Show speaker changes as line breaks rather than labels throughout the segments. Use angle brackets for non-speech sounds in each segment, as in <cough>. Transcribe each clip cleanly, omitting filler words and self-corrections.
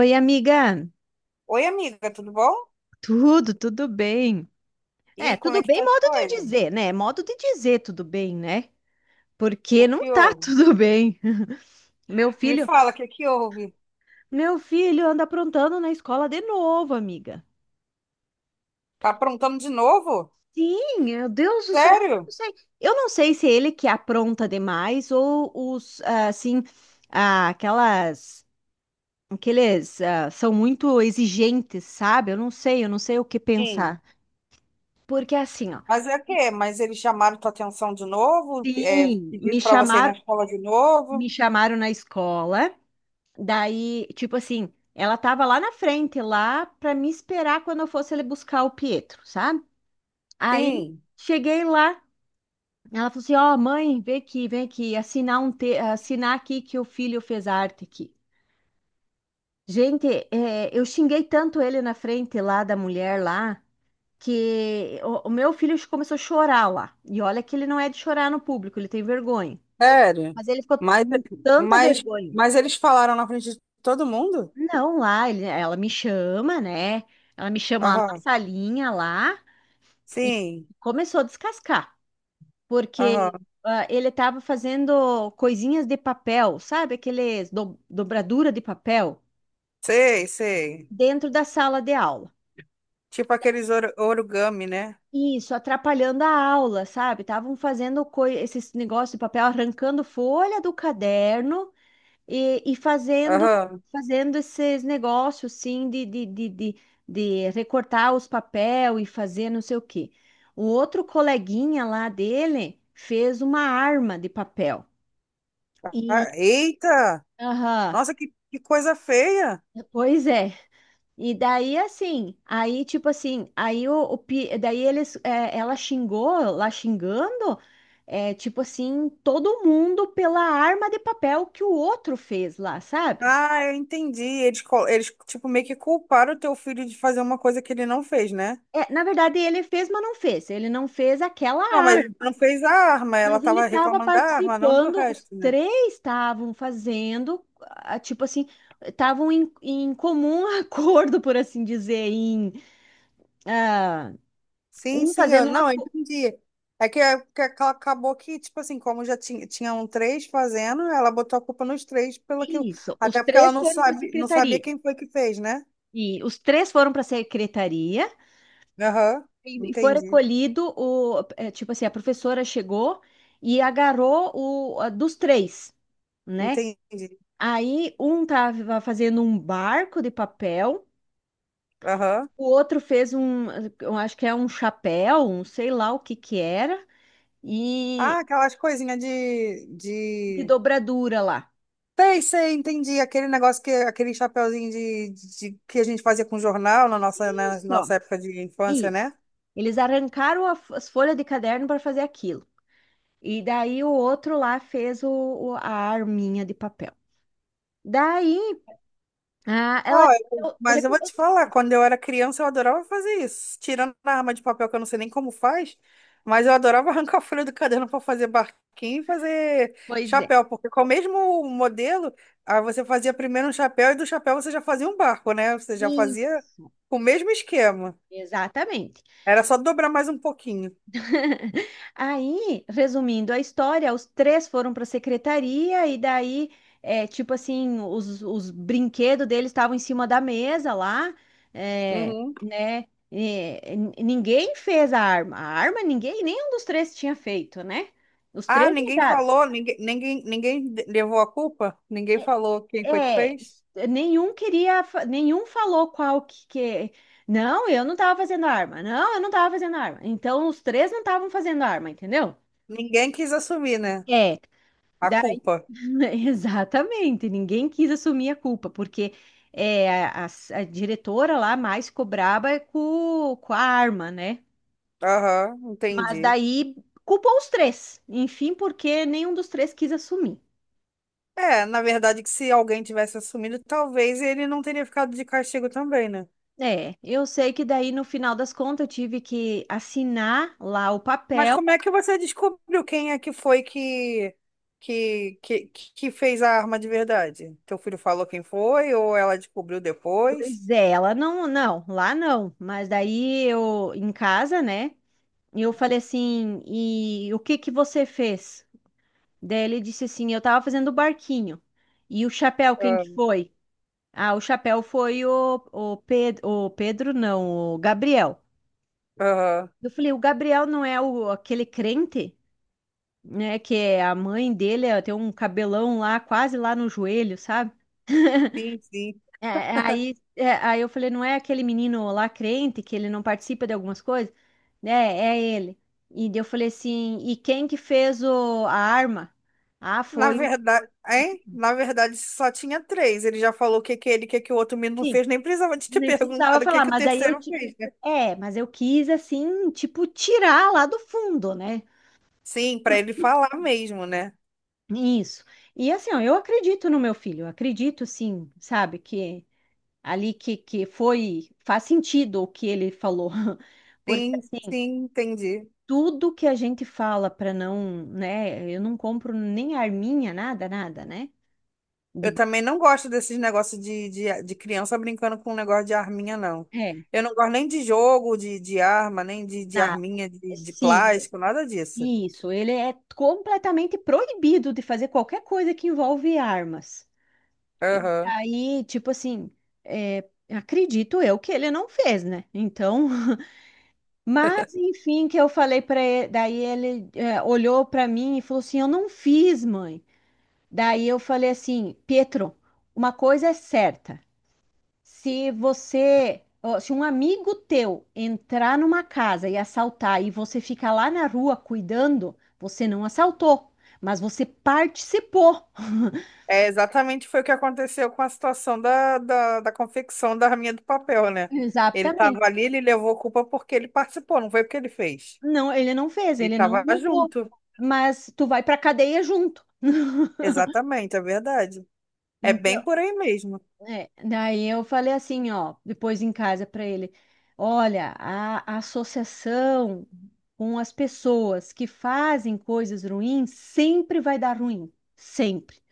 Oi, amiga.
Oi, amiga, tudo bom?
Tudo, bem?
E aí, como é
Tudo
que
bem,
tá as
modo de
coisas?
dizer, né? Modo de dizer tudo bem, né?
O
Porque não
que
tá
houve?
tudo bem. <laughs> Meu
Me
filho,
fala, o que que houve?
meu filho anda aprontando na escola de novo, amiga.
Tá aprontando de novo?
Sim, meu Deus do céu, eu não
Sério?
sei. Eu não sei se é ele que apronta demais ou os, assim, aquelas, aqueles, são muito exigentes, sabe? Eu não sei, o que
Sim.
pensar. Porque assim, ó,
Mas é o quê? Mas eles chamaram tua atenção de novo? É,
sim, me
pediram pra você ir na
chamaram
escola de
me
novo?
chamaram na escola. Daí, tipo assim, ela tava lá na frente, lá pra me esperar quando eu fosse ali buscar o Pietro, sabe? Aí
Sim.
cheguei lá, ela falou assim: "Ó, mãe, vem aqui, assinar um te assinar aqui que o filho fez arte aqui". Gente, eu xinguei tanto ele na frente lá da mulher lá que o meu filho começou a chorar lá. E olha que ele não é de chorar no público, ele tem vergonha.
Sério?
Mas ele ficou
Mas,
com tanta
mas,
vergonha.
mas eles falaram na frente de todo mundo?
Não, lá ela me chama, né? Ela me chama lá na
Aham.
salinha lá e
Sim.
começou a descascar, porque
Aham.
ele estava fazendo coisinhas de papel, sabe? Aqueles dobradura de papel
Sei, sei.
dentro da sala de aula.
Tipo aqueles origami, né?
Isso, atrapalhando a aula, sabe? Estavam fazendo esses negócios de papel, arrancando folha do caderno. E fazendo,
Aham.
fazendo esses negócios, sim, de recortar os papel e fazer não sei o quê. O outro coleguinha lá dele fez uma arma de papel. E,
Ah, eita!
aham,
Nossa, que coisa feia!
pois é. E daí, assim, aí, tipo assim, aí daí eles, ela xingou, lá xingando, é, tipo assim, todo mundo pela arma de papel que o outro fez lá, sabe?
Ah, eu entendi. Eles, tipo, meio que culparam o teu filho de fazer uma coisa que ele não fez, né?
É, na verdade, ele fez, mas não fez. Ele não fez aquela
Não, mas ele
arte,
não fez a arma. Ela
mas ele
tava
estava
reclamando da arma, não do
participando, os
resto, né?
três estavam fazendo, tipo assim, estavam em, em comum <laughs> acordo, por assim dizer, em ah,
Sim,
um
sim, eu
fazendo uma.
não, eu entendi. Acabou que, tipo assim, tinham três fazendo, ela botou a culpa nos três pelo aquilo.
Isso, os
Até porque ela
três foram para a
não sabia
secretaria.
quem foi que fez, né?
E os três foram para a secretaria
Aham,
e foi
entendi.
recolhido o, é, tipo assim, a professora chegou e agarrou o a dos três. Né?
Entendi.
Aí um tava fazendo um barco de papel,
Aham.
o outro fez um, eu acho que é um chapéu, um sei lá o que que era, e
Ah, aquelas coisinhas
de
de...
dobradura lá.
Sei, sei, entendi. Aquele chapeuzinho que a gente fazia com jornal na
Isso, ó,
nossa época de infância, né?
isso. Eles arrancaram as folhas de caderno para fazer aquilo. E daí o outro lá fez o, a arminha de papel. Daí, ela
Olha, mas eu vou
recomendou.
te falar, quando eu era criança eu adorava fazer isso. Tirando a arma de papel que eu não sei nem como faz, mas eu adorava <laughs> arrancar a folha do caderno para fazer barquinho e fazer
Pois é.
chapéu, porque com o mesmo modelo, aí você fazia primeiro um chapéu e do chapéu você já fazia um barco, né? Você já fazia
Isso,
com o mesmo esquema.
exatamente.
Era só dobrar mais um pouquinho.
<laughs> Aí, resumindo a história, os três foram para a secretaria e daí, é, tipo assim, os brinquedos deles estavam em cima da mesa lá, é,
Uhum.
né? E ninguém fez a arma. A arma ninguém, nenhum dos três tinha feito, né? Os
Ah,
três
ninguém
negaram.
falou, levou a culpa? Ninguém falou quem foi que
É,
fez?
nenhum queria, nenhum falou qual que... Não, eu não estava fazendo arma. Não, eu não estava fazendo arma. Então, os três não estavam fazendo arma, entendeu?
Ninguém quis assumir, né?
É.
A culpa.
<laughs> Exatamente, ninguém quis assumir a culpa, porque é, a, a diretora lá mais ficou braba com a arma, né?
Aham,
Mas
entendi.
daí culpou os três, enfim, porque nenhum dos três quis assumir.
É, na verdade, que se alguém tivesse assumido, talvez ele não teria ficado de castigo também, né?
É, eu sei que daí no final das contas eu tive que assinar lá o
Mas
papel,
como é que você descobriu quem é que foi que fez a arma de verdade? Teu filho falou quem foi ou ela descobriu depois?
pois é, ela não, não, lá não, mas daí eu em casa, né? Eu falei assim, e o que que você fez? Daí ele disse assim: Eu tava fazendo o barquinho. E o chapéu, quem
Ah,
que foi? Ah, o chapéu foi o Pedro, não, o Gabriel.
aham,
Eu falei: O Gabriel não é o, aquele crente, né? Que é a mãe dele é, tem um cabelão lá, quase lá no joelho, sabe?
sim, sim.
<laughs> É, aí eu falei: Não é aquele menino lá crente que ele não participa de algumas coisas? Né? É ele. E daí eu falei assim: E quem que fez o, a arma? Ah,
Na
foi o.
verdade, hein? Na verdade, só tinha três. Ele já falou o que que é ele, o que que o outro menino fez, nem precisava de ter <laughs>
Nem precisava
perguntado o que
falar,
que o
mas aí
terceiro fez, né?
é, mas eu quis, assim, tipo, tirar lá do fundo, né?
Sim, para ele falar mesmo, né?
Isso. E assim, ó, eu acredito no meu filho, eu acredito, sim, sabe, que ali que foi. Faz sentido o que ele falou. <laughs> Porque,
Sim,
assim,
sim, entendi.
tudo que a gente fala para não, né? Eu não compro nem arminha, nada, nada, né? De,
Eu também não gosto desses de criança brincando com um negócio de arminha, não.
é,
Eu não gosto nem de de arma, nem de, de
nada.
arminha, de
Sim,
plástico, nada disso.
isso. Ele é completamente proibido de fazer qualquer coisa que envolve armas.
Aham.
Aí, tipo assim, é, acredito eu que ele não fez, né? Então, <laughs> mas enfim, que eu falei para ele, daí ele olhou para mim e falou assim: "Eu não fiz, mãe". Daí eu falei assim: "Pietro, uma coisa é certa. Se você, ó, se um amigo teu entrar numa casa e assaltar e você ficar lá na rua cuidando, você não assaltou, mas você participou". <laughs>
É, exatamente foi o que aconteceu com a situação da confecção da Rainha do Papel, né? Ele estava
Exatamente.
ali, ele levou culpa porque ele participou, não foi porque ele fez.
Não, ele não fez,
Ele
ele não
estava
mudou.
junto.
Mas tu vai pra cadeia junto. <laughs>
Exatamente, é verdade. É bem
Então,
por aí mesmo.
é, daí eu falei assim, ó, depois em casa para ele, olha, a associação com as pessoas que fazem coisas ruins sempre vai dar ruim, sempre.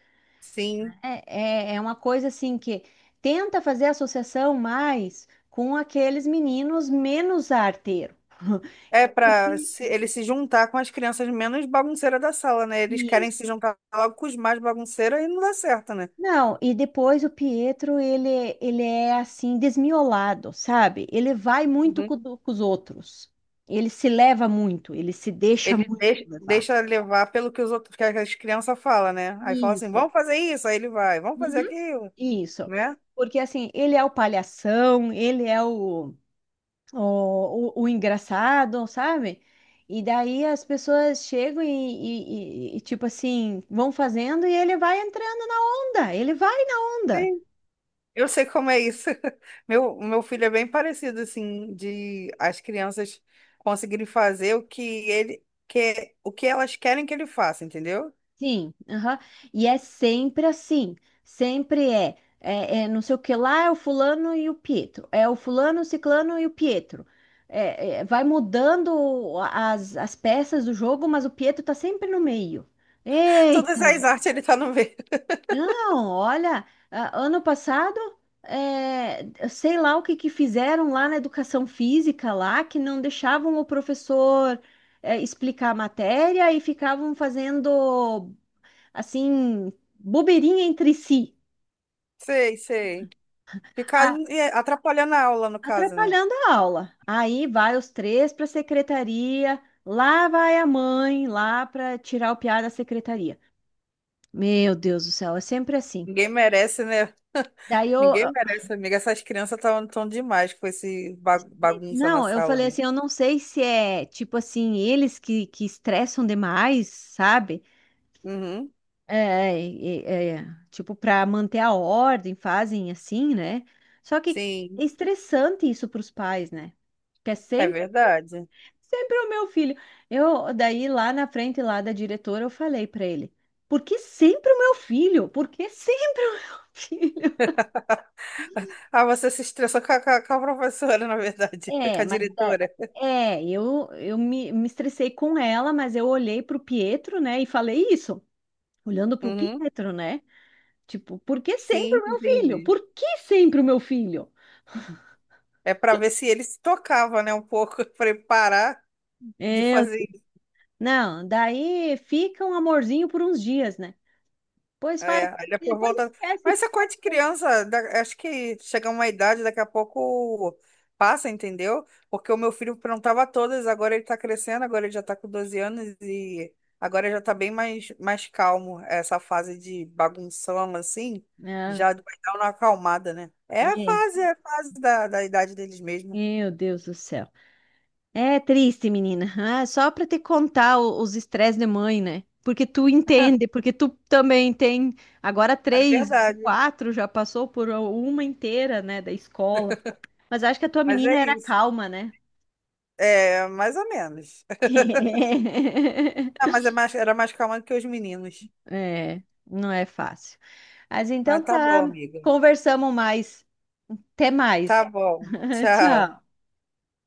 Sim.
É uma coisa assim que tenta fazer associação mais com aqueles meninos menos arteiro, <laughs>
É para
porque
ele se juntar com as crianças menos bagunceiras da sala, né? Eles querem se juntar logo com os mais bagunceiros e não dá certo, né?
não, e depois o Pietro, ele é assim, desmiolado, sabe? Ele vai muito
Uhum.
com, com os outros. Ele se leva muito, ele se deixa
Ele
muito levar.
deixa, levar pelo que os outros, que as crianças falam, né? Aí fala assim,
Isso.
vamos fazer isso, aí ele vai, vamos fazer
Uhum.
aquilo,
Isso.
né?
Porque assim, ele é o palhação, ele é o, o engraçado, sabe? E daí as pessoas chegam e, tipo assim, vão fazendo e ele vai entrando na onda, ele vai na onda.
Eu sei como é isso. <laughs> Meu filho é bem parecido, assim, de as crianças conseguirem fazer o que ele quer, o que elas querem que ele faça, entendeu?
Sim, aham. E é sempre assim, sempre é não sei o que lá, é o fulano e o Pietro, é o fulano, o ciclano e o Pietro. Vai mudando as, as peças do jogo, mas o Pietro tá sempre no meio.
Todas
Eita,
as
gente.
artes ele tá no meio. <laughs>
Não, olha, ano passado, eu sei lá o que que fizeram lá na educação física lá, que não deixavam o professor, explicar a matéria e ficavam fazendo assim, bobeirinha entre si,
Sei, sei.
a-
Atrapalhando a aula, no caso, né?
atrapalhando a aula. Aí vai os três para a secretaria, lá vai a mãe, lá para tirar o piá da secretaria. Meu Deus do céu, é sempre assim.
Ninguém merece, né?
Daí eu.
Ninguém merece, amiga. Essas crianças estão demais com esse bagunça na
Não, eu
sala,
falei
né?
assim, eu não sei se é tipo assim, eles que estressam demais, sabe?
Uhum,
Tipo, para manter a ordem, fazem assim, né? Só que é
sim,
estressante isso para os pais, né? Porque é
é
sempre
verdade.
sempre é o meu filho. Eu, daí lá na frente lá da diretora, eu falei para ele: "Por que sempre o meu filho? Por que sempre o meu <laughs> filho?"
<laughs> Ah, você se estressou com com a professora, na verdade, <laughs> com
É,
a
mas
diretora.
é, eu me estressei com ela, mas eu olhei pro Pietro, né, e falei isso, olhando pro
Uhum,
Pietro, né? Tipo, por que sempre
sim,
o meu filho?
entendi.
Por que sempre o meu filho?
É para ver se ele se tocava, né, um pouco, <laughs> preparar de
Eu,
fazer.
não, daí fica um amorzinho por uns dias, né? Depois faz,
É, aí depois
depois
volta.
esquece.
Mas essa coisa de criança, acho que chega uma idade, daqui a pouco passa, entendeu? Porque o meu filho perguntava todas, agora ele tá crescendo, agora ele já tá com 12 anos e agora já tá bem mais, mais calmo. Essa fase de bagunção, assim,
Ah,
já vai dar uma acalmada, né?
é,
É a fase da idade deles mesmo.
meu Deus do céu. É triste, menina. Ah, só para te contar os estresses de mãe, né? Porque tu entende, porque tu também tem agora
É
três,
verdade.
quatro, já passou por uma inteira, né, da escola. Mas acho que a tua
Mas
menina
é
era
isso.
calma, né?
É, mais ou menos. <laughs> Ah,
<laughs>
mas é mais, era mais calma do que os meninos.
É, não é fácil. Mas
Mas
então
tá bom,
tá,
amiga.
conversamos mais. Até
Tá
mais.
bom.
<laughs>
Tchau.
Tchau.